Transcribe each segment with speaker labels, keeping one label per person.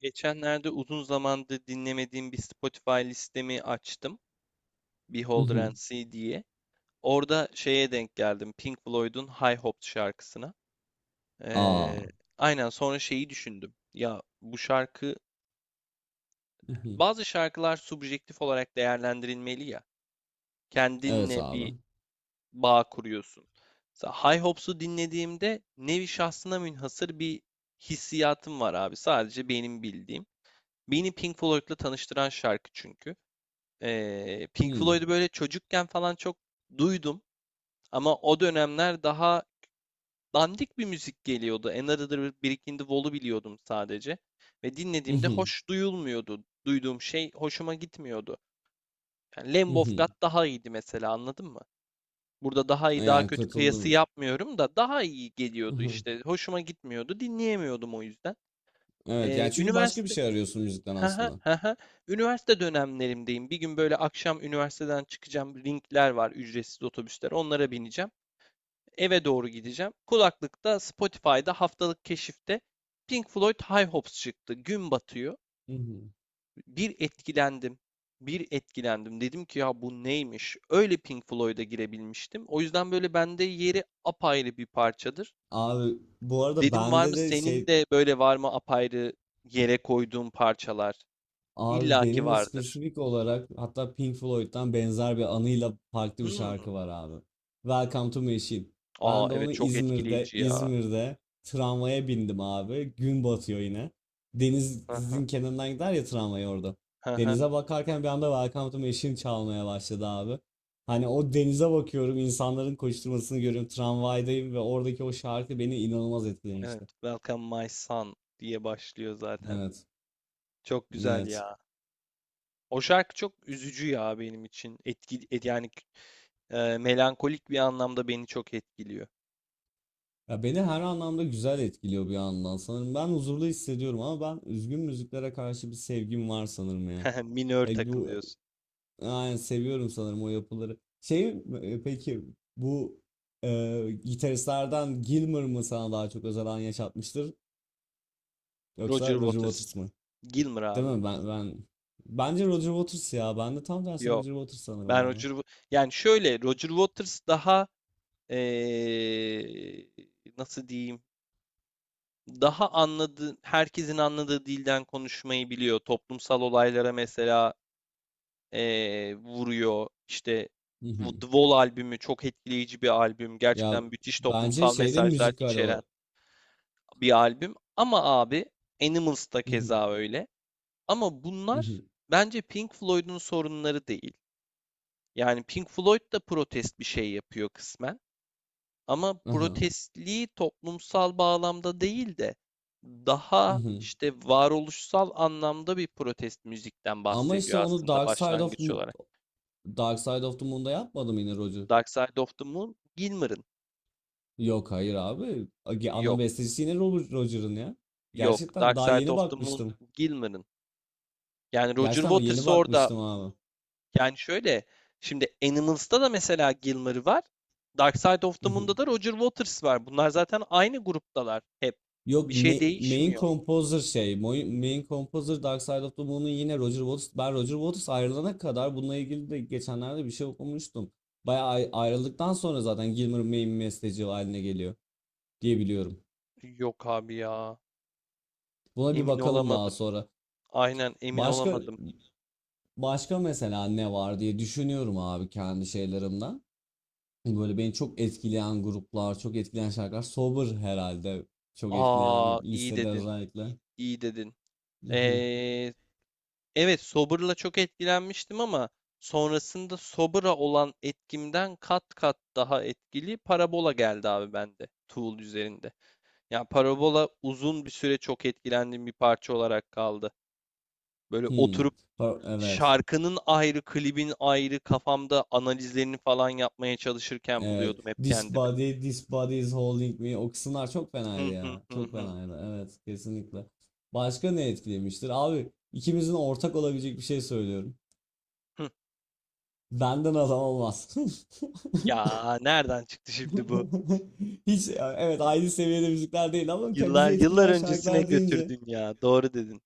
Speaker 1: Geçenlerde uzun zamandır dinlemediğim bir Spotify listemi açtım. Beholder and
Speaker 2: Mhm.
Speaker 1: See diye. Orada denk geldim. Pink Floyd'un High Hopes şarkısına.
Speaker 2: Aa.
Speaker 1: Ee, aynen sonra düşündüm. Ya bu şarkı,
Speaker 2: Mhm.
Speaker 1: bazı şarkılar subjektif olarak değerlendirilmeli ya.
Speaker 2: Evet
Speaker 1: Kendinle bir
Speaker 2: abi.
Speaker 1: bağ kuruyorsun. Mesela High Hopes'u dinlediğimde nevi şahsına münhasır bir hissiyatım var abi. Sadece benim bildiğim. Beni Pink Floyd'la tanıştıran şarkı çünkü. Pink
Speaker 2: Hmm.
Speaker 1: Floyd'u böyle çocukken falan çok duydum ama o dönemler daha dandik bir müzik geliyordu. Another Brick in the Wall'u biliyordum sadece ve dinlediğimde
Speaker 2: Mhm.
Speaker 1: hoş duyulmuyordu. Duyduğum şey hoşuma gitmiyordu. Yani Lamb of God
Speaker 2: Mhm.
Speaker 1: daha iyiydi mesela, anladın mı? Burada daha iyi daha
Speaker 2: Yani
Speaker 1: kötü kıyası
Speaker 2: katıldım.
Speaker 1: yapmıyorum da daha iyi geliyordu
Speaker 2: Mhm.
Speaker 1: işte. Hoşuma gitmiyordu, dinleyemiyordum o yüzden.
Speaker 2: Evet, yani çünkü başka bir
Speaker 1: Üniversite
Speaker 2: şey arıyorsun müzikten
Speaker 1: Hı hı,
Speaker 2: aslında.
Speaker 1: hı hı. Üniversite dönemlerimdeyim. Bir gün böyle akşam üniversiteden çıkacağım. Ringler var, ücretsiz otobüsler. Onlara bineceğim. Eve doğru gideceğim. Kulaklıkta Spotify'da haftalık keşifte Pink Floyd High Hopes çıktı. Gün batıyor.
Speaker 2: Mhm.
Speaker 1: Bir etkilendim. Bir etkilendim. Dedim ki ya bu neymiş? Öyle Pink Floyd'a girebilmiştim. O yüzden böyle bende yeri apayrı bir parçadır.
Speaker 2: Abi bu arada
Speaker 1: Dedim var
Speaker 2: bende
Speaker 1: mı
Speaker 2: de
Speaker 1: senin
Speaker 2: şey
Speaker 1: de böyle var mı apayrı yere koyduğun parçalar?
Speaker 2: Abi
Speaker 1: İlla ki
Speaker 2: benim de
Speaker 1: vardır.
Speaker 2: spesifik olarak, hatta Pink Floyd'dan benzer bir anıyla farklı bir
Speaker 1: Hmm.
Speaker 2: şarkı var abi. Welcome to Machine.
Speaker 1: Aa
Speaker 2: Ben de
Speaker 1: evet,
Speaker 2: onu
Speaker 1: çok
Speaker 2: İzmir'de
Speaker 1: etkileyici ya.
Speaker 2: İzmir'de tramvaya bindim abi. Gün batıyor yine.
Speaker 1: Aha,
Speaker 2: Denizin kenarından gider ya tramvay orada.
Speaker 1: aha,
Speaker 2: Denize bakarken bir anda Welcome to Machine çalmaya başladı abi. Hani o denize bakıyorum, insanların koşturmasını görüyorum. Tramvaydayım ve oradaki o şarkı beni inanılmaz
Speaker 1: evet.
Speaker 2: etkilemişti.
Speaker 1: Welcome my son diye başlıyor zaten.
Speaker 2: Evet.
Speaker 1: Çok güzel
Speaker 2: Evet.
Speaker 1: ya. O şarkı çok üzücü ya benim için. Yani melankolik bir anlamda beni çok etkiliyor.
Speaker 2: Ya beni her anlamda güzel etkiliyor bir yandan sanırım. Ben huzurlu hissediyorum, ama ben üzgün müziklere karşı bir sevgim var sanırım ya.
Speaker 1: Minör
Speaker 2: Bu
Speaker 1: takılıyorsun.
Speaker 2: yani, seviyorum sanırım o yapıları. Peki bu gitaristlerden Gilmour mu sana daha çok özel an yaşatmıştır, yoksa
Speaker 1: Roger
Speaker 2: Roger
Speaker 1: Waters.
Speaker 2: Waters mı?
Speaker 1: Gilmour
Speaker 2: Değil
Speaker 1: abi.
Speaker 2: mi? Ben bence Roger Waters ya. Ben de tam tersine
Speaker 1: Yok.
Speaker 2: Roger Waters sanırım
Speaker 1: Ben
Speaker 2: abi.
Speaker 1: Roger Wa- yani şöyle Roger Waters daha eee, nasıl diyeyim? Daha anladığı Herkesin anladığı dilden konuşmayı biliyor. Toplumsal olaylara mesela vuruyor. İşte
Speaker 2: Hı hı.
Speaker 1: bu The Wall albümü çok etkileyici bir albüm.
Speaker 2: Ya
Speaker 1: Gerçekten müthiş
Speaker 2: bence
Speaker 1: toplumsal
Speaker 2: şeyde,
Speaker 1: mesajlar
Speaker 2: müzikal
Speaker 1: içeren
Speaker 2: olarak.
Speaker 1: bir albüm. Ama abi Animals da
Speaker 2: Hı hı.
Speaker 1: keza öyle. Ama
Speaker 2: Hı
Speaker 1: bunlar
Speaker 2: hı.
Speaker 1: bence Pink Floyd'un sorunları değil. Yani Pink Floyd da protest bir şey yapıyor kısmen. Ama
Speaker 2: Aha.
Speaker 1: protestliği toplumsal bağlamda değil de
Speaker 2: Hı
Speaker 1: daha
Speaker 2: hı.
Speaker 1: işte varoluşsal anlamda bir protest müzikten
Speaker 2: Ama işte
Speaker 1: bahsediyor
Speaker 2: onu
Speaker 1: aslında başlangıç olarak.
Speaker 2: Dark Side of the Moon'da yapmadım yine Roger.
Speaker 1: Dark Side of the Moon, Gilmour'ın.
Speaker 2: Yok, hayır abi. Ana
Speaker 1: Yok.
Speaker 2: bestecisi yine Robert Roger'ın ya.
Speaker 1: Yok.
Speaker 2: Gerçekten
Speaker 1: Dark
Speaker 2: daha
Speaker 1: Side
Speaker 2: yeni
Speaker 1: of the Moon
Speaker 2: bakmıştım.
Speaker 1: Gilmour'ın. Yani Roger
Speaker 2: Gerçekten ama yeni
Speaker 1: Waters orada,
Speaker 2: bakmıştım abi.
Speaker 1: yani şöyle, şimdi Animals'ta da mesela Gilmour var. Dark Side of the Moon'da da Roger Waters var. Bunlar zaten aynı gruptalar hep.
Speaker 2: Yok
Speaker 1: Bir şey
Speaker 2: ma- Main
Speaker 1: değişmiyor.
Speaker 2: composer şey. Main composer Dark Side of the Moon'un yine Roger Waters. Ben Roger Waters ayrılana kadar bununla ilgili de geçenlerde bir şey okumuştum. Bayağı ayrıldıktan sonra zaten Gilmour main besteci haline geliyor diye biliyorum.
Speaker 1: Yok abi ya.
Speaker 2: Buna bir
Speaker 1: Emin
Speaker 2: bakalım daha
Speaker 1: olamadım.
Speaker 2: sonra.
Speaker 1: Aynen, emin
Speaker 2: Başka
Speaker 1: olamadım.
Speaker 2: Başka mesela ne var diye düşünüyorum abi, kendi şeylerimden. Böyle beni çok etkileyen gruplar, çok etkileyen şarkılar. Sober herhalde. Çok etkileyen
Speaker 1: Aa iyi
Speaker 2: lisede
Speaker 1: dedin.
Speaker 2: özellikle.
Speaker 1: İyi dedin.
Speaker 2: Mhm.
Speaker 1: Ee, Evet, Sober'la çok etkilenmiştim ama sonrasında Sober'a olan etkimden kat kat daha etkili Parabola geldi abi bende Tool üzerinde. Yani Parabola uzun bir süre çok etkilendiğim bir parça olarak kaldı. Böyle
Speaker 2: Hmm.
Speaker 1: oturup
Speaker 2: Evet.
Speaker 1: şarkının ayrı, klibin ayrı kafamda analizlerini falan yapmaya çalışırken
Speaker 2: Evet.
Speaker 1: buluyordum hep
Speaker 2: This
Speaker 1: kendimi.
Speaker 2: body, this body is holding me. O kısımlar çok
Speaker 1: Hı
Speaker 2: fenaydı
Speaker 1: hı,
Speaker 2: ya.
Speaker 1: hı
Speaker 2: Çok
Speaker 1: hı.
Speaker 2: fenaydı. Evet, kesinlikle. Başka ne etkilemiştir? Abi ikimizin ortak olabilecek bir şey söylüyorum.
Speaker 1: Hı.
Speaker 2: Benden adam olmaz.
Speaker 1: Ya nereden çıktı şimdi bu?
Speaker 2: Hiç evet aynı seviyede müzikler değil, ama bizi
Speaker 1: Yıllar yıllar
Speaker 2: etkileyen
Speaker 1: öncesine
Speaker 2: şarkılar deyince
Speaker 1: götürdün ya. Doğru dedin.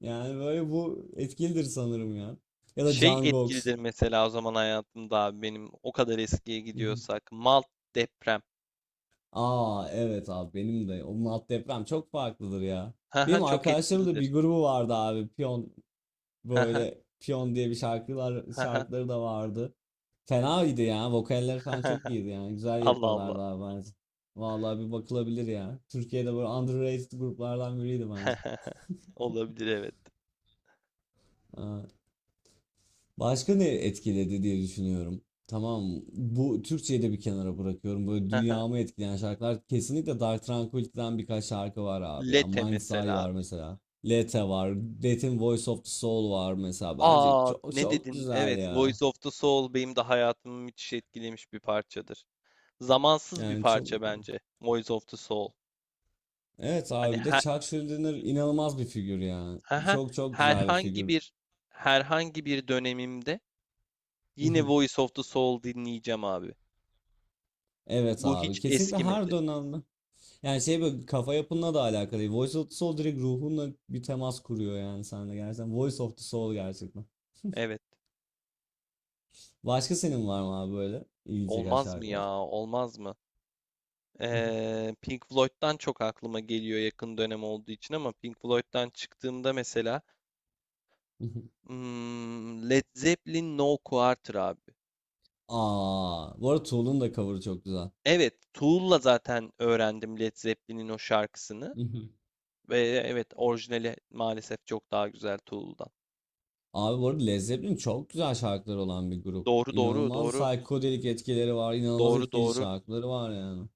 Speaker 2: yani böyle bu etkilidir sanırım ya. Ya da
Speaker 1: Şey
Speaker 2: Can Gox.
Speaker 1: etkilidir mesela o zaman hayatımda abi benim, o kadar eskiye
Speaker 2: Hı hı.
Speaker 1: gidiyorsak. Malt deprem.
Speaker 2: Aa evet abi, benim de onun alt deprem çok farklıdır ya.
Speaker 1: Haha,
Speaker 2: Benim
Speaker 1: çok
Speaker 2: arkadaşlarımın da
Speaker 1: etkilidir.
Speaker 2: bir grubu vardı abi. Piyon,
Speaker 1: Haha,
Speaker 2: böyle Piyon diye bir
Speaker 1: haha,
Speaker 2: şarkıları da vardı. Fena idi ya. Vokaller falan çok
Speaker 1: haha.
Speaker 2: iyiydi yani. Güzel
Speaker 1: Allah Allah.
Speaker 2: yapıyorlardı abi bence. Vallahi bir bakılabilir ya. Türkiye'de böyle underrated gruplardan biriydi bence.
Speaker 1: Olabilir, evet.
Speaker 2: Başka ne etkiledi diye düşünüyorum. Tamam, bu Türkçeyi de bir kenara bırakıyorum. Böyle
Speaker 1: Haha.
Speaker 2: dünyamı etkileyen şarkılar kesinlikle Dark Tranquillity'den birkaç şarkı var abi ya.
Speaker 1: Lete
Speaker 2: Mind's Eye
Speaker 1: mesela
Speaker 2: var
Speaker 1: abi.
Speaker 2: mesela. Lete var. Death'in Voice of the Soul var mesela. Bence
Speaker 1: Aa
Speaker 2: çok
Speaker 1: ne
Speaker 2: çok
Speaker 1: dedin?
Speaker 2: güzel
Speaker 1: Evet,
Speaker 2: ya.
Speaker 1: Voice of the Soul benim de hayatımı müthiş etkilemiş bir parçadır. Zamansız bir
Speaker 2: Yani çok
Speaker 1: parça bence Voice of the Soul.
Speaker 2: Evet
Speaker 1: Hani
Speaker 2: abi, bir de
Speaker 1: her,
Speaker 2: Chuck Schuldiner inanılmaz bir figür ya.
Speaker 1: haha,
Speaker 2: Çok çok güzel bir
Speaker 1: herhangi
Speaker 2: figür.
Speaker 1: bir herhangi bir dönemimde yine Voice of the Soul dinleyeceğim abi.
Speaker 2: Evet
Speaker 1: Bu
Speaker 2: abi,
Speaker 1: hiç
Speaker 2: kesinlikle her
Speaker 1: eskimedi.
Speaker 2: dönemde. Yani şey, böyle kafa yapınla da alakalı değil. Voice of the Soul direkt ruhunla bir temas kuruyor yani sende, gerçekten. Voice of the Soul gerçekten.
Speaker 1: Evet.
Speaker 2: Başka senin var mı abi böyle ilgi çeken
Speaker 1: Olmaz mı
Speaker 2: şarkılar?
Speaker 1: ya? Olmaz mı? Pink Floyd'dan çok aklıma geliyor yakın dönem olduğu için ama Pink Floyd'dan çıktığımda mesela Led Zeppelin No Quarter abi.
Speaker 2: Aa, bu arada Tool'un da cover'ı çok güzel.
Speaker 1: Evet, Tool'la zaten öğrendim Led Zeppelin'in o şarkısını ve evet, orijinali maalesef çok daha güzel Tool'dan.
Speaker 2: Abi bu arada Led Zeppelin çok güzel şarkılar olan bir grup.
Speaker 1: Doğru doğru
Speaker 2: İnanılmaz
Speaker 1: doğru
Speaker 2: psikodelik etkileri var, inanılmaz
Speaker 1: doğru
Speaker 2: etkileyici
Speaker 1: doğru.
Speaker 2: şarkıları var yani.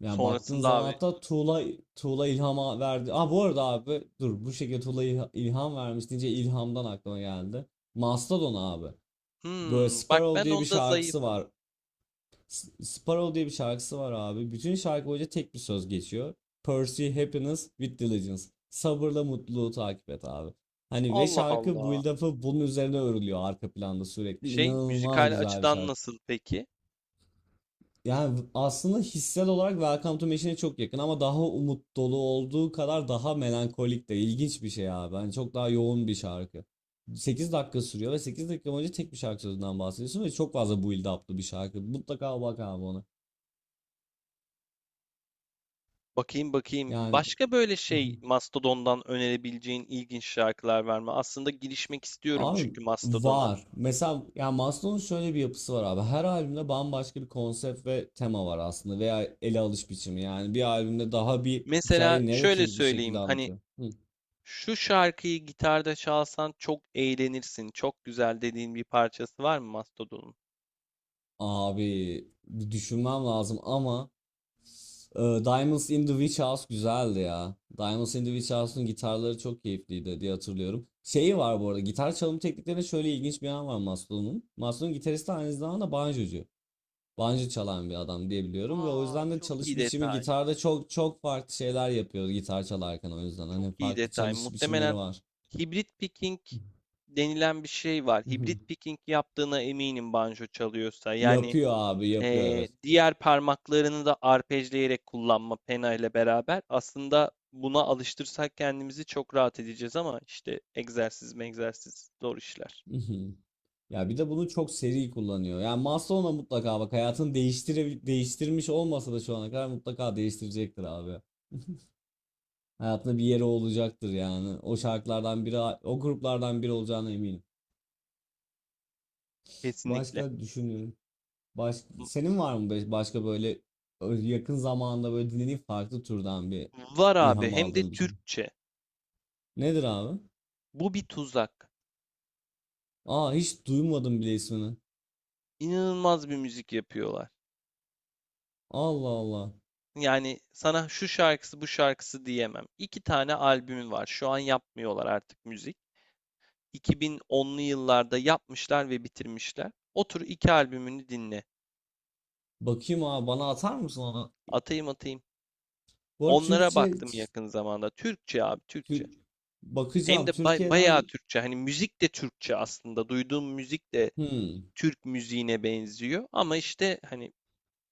Speaker 2: Yani baktığın
Speaker 1: Sonrasında
Speaker 2: zaman,
Speaker 1: abi
Speaker 2: hatta Tuğla ilhama verdi. Aa bu arada abi dur, bu şekilde Tuğla ilham vermiş deyince ilhamdan aklıma geldi. Mastodon abi. Böyle
Speaker 1: bak
Speaker 2: Sparrow
Speaker 1: ben
Speaker 2: diye bir
Speaker 1: onda
Speaker 2: şarkısı
Speaker 1: zayıfım.
Speaker 2: var. Sparrow diye bir şarkısı var abi. Bütün şarkı boyunca tek bir söz geçiyor. Pursue happiness with diligence. Sabırla mutluluğu takip et abi. Hani, ve
Speaker 1: Allah
Speaker 2: şarkı
Speaker 1: Allah.
Speaker 2: build up'ı bunun üzerine örülüyor arka planda sürekli.
Speaker 1: Şey,
Speaker 2: İnanılmaz
Speaker 1: müzikal
Speaker 2: güzel bir
Speaker 1: açıdan
Speaker 2: şarkı.
Speaker 1: nasıl peki?
Speaker 2: Yani aslında hissel olarak Welcome to Machine'e çok yakın, ama daha umut dolu olduğu kadar daha melankolik de, ilginç bir şey abi. Hani çok daha yoğun bir şarkı. 8 dakika sürüyor ve 8 dakika boyunca tek bir şarkı sözünden bahsediyorsun ve çok fazla build up'lı bir şarkı. Mutlaka bak abi ona.
Speaker 1: Bakayım bakayım.
Speaker 2: Yani
Speaker 1: Başka böyle şey, Mastodon'dan önerebileceğin ilginç şarkılar var mı? Aslında girişmek istiyorum
Speaker 2: abi
Speaker 1: çünkü Mastodon'a.
Speaker 2: var. Mesela yani Maslow'un şöyle bir yapısı var abi. Her albümde bambaşka bir konsept ve tema var aslında, veya ele alış biçimi. Yani bir albümde daha bir
Speaker 1: Mesela
Speaker 2: hikayeyi
Speaker 1: şöyle
Speaker 2: narrative bir şekilde
Speaker 1: söyleyeyim. Hani
Speaker 2: anlatıyor. Hı.
Speaker 1: şu şarkıyı gitarda çalsan çok eğlenirsin. Çok güzel dediğin bir parçası var mı Mastodon'un?
Speaker 2: Abi bir düşünmem lazım, ama Diamonds in the Witch House güzeldi ya. Diamonds in the Witch House'un gitarları çok keyifliydi diye hatırlıyorum. Şeyi var
Speaker 1: Hmm.
Speaker 2: bu arada, gitar çalım tekniklerinde şöyle ilginç bir yan var Maslow'un. Maslow'un gitaristi aynı zamanda banjocu. Banjo çalan bir adam diye biliyorum ve o
Speaker 1: Aa
Speaker 2: yüzden de
Speaker 1: çok
Speaker 2: çalış
Speaker 1: iyi
Speaker 2: biçimi
Speaker 1: detay.
Speaker 2: gitarda çok çok farklı şeyler yapıyor gitar çalarken, o yüzden
Speaker 1: Çok
Speaker 2: hani
Speaker 1: iyi
Speaker 2: farklı
Speaker 1: detay.
Speaker 2: çalış biçimleri
Speaker 1: Muhtemelen
Speaker 2: var.
Speaker 1: hibrit picking denilen bir şey var. Hibrit picking yaptığına eminim, banjo çalıyorsa. Yani
Speaker 2: Yapıyor abi, yapıyor, evet.
Speaker 1: Diğer parmaklarını da arpejleyerek kullanma pena ile beraber, aslında buna alıştırsak kendimizi çok rahat edeceğiz ama işte, egzersiz mi egzersiz, zor işler.
Speaker 2: Ya bir de bunu çok seri kullanıyor. Yani Maslow'la mutlaka bak, hayatını değiştirmiş olmasa da şu ana kadar mutlaka değiştirecektir abi. Hayatında bir yeri olacaktır yani. O şarkılardan biri, o gruplardan biri olacağına eminim.
Speaker 1: Kesinlikle.
Speaker 2: Başka düşünüyorum. Baş, Senin var mı başka böyle yakın zamanda böyle dinlediğin farklı türden bir
Speaker 1: Var abi,
Speaker 2: ilham
Speaker 1: hem de
Speaker 2: aldığın bir şey?
Speaker 1: Türkçe.
Speaker 2: Nedir abi?
Speaker 1: Bu bir tuzak.
Speaker 2: Aa hiç duymadım bile ismini.
Speaker 1: İnanılmaz bir müzik yapıyorlar.
Speaker 2: Allah Allah.
Speaker 1: Yani sana şu şarkısı bu şarkısı diyemem. İki tane albümü var. Şu an yapmıyorlar artık müzik. 2010'lu yıllarda yapmışlar ve bitirmişler. Otur iki albümünü dinle.
Speaker 2: Bakayım abi, bana atar mısın onu?
Speaker 1: Atayım atayım.
Speaker 2: Bu arada
Speaker 1: Onlara
Speaker 2: Türkçe
Speaker 1: baktım yakın zamanda. Türkçe abi, Türkçe.
Speaker 2: Tür-
Speaker 1: Hem
Speaker 2: Bakacağım
Speaker 1: de bay-
Speaker 2: Türkiye'den.
Speaker 1: bayağı Türkçe. Hani müzik de Türkçe aslında. Duyduğum müzik de
Speaker 2: Hmm.
Speaker 1: Türk müziğine benziyor. Ama işte hani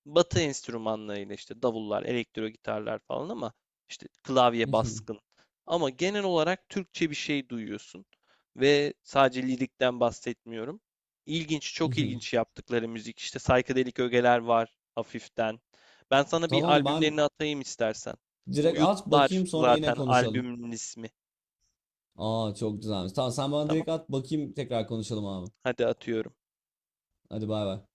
Speaker 1: Batı enstrümanlarıyla, işte davullar, elektro gitarlar falan, ama işte klavye baskın. Ama genel olarak Türkçe bir şey duyuyorsun ve sadece lirikten bahsetmiyorum. İlginç, çok ilginç yaptıkları müzik. İşte psychedelic ögeler var hafiften. Ben sana bir
Speaker 2: Tamam, ben
Speaker 1: albümlerini atayım istersen.
Speaker 2: direkt at
Speaker 1: Boyutlar
Speaker 2: bakayım, sonra yine
Speaker 1: zaten
Speaker 2: konuşalım.
Speaker 1: albümün ismi.
Speaker 2: Aa çok güzelmiş. Tamam, sen bana
Speaker 1: Tamam.
Speaker 2: direkt at bakayım, tekrar konuşalım abi.
Speaker 1: Hadi atıyorum.
Speaker 2: Hadi bay bay.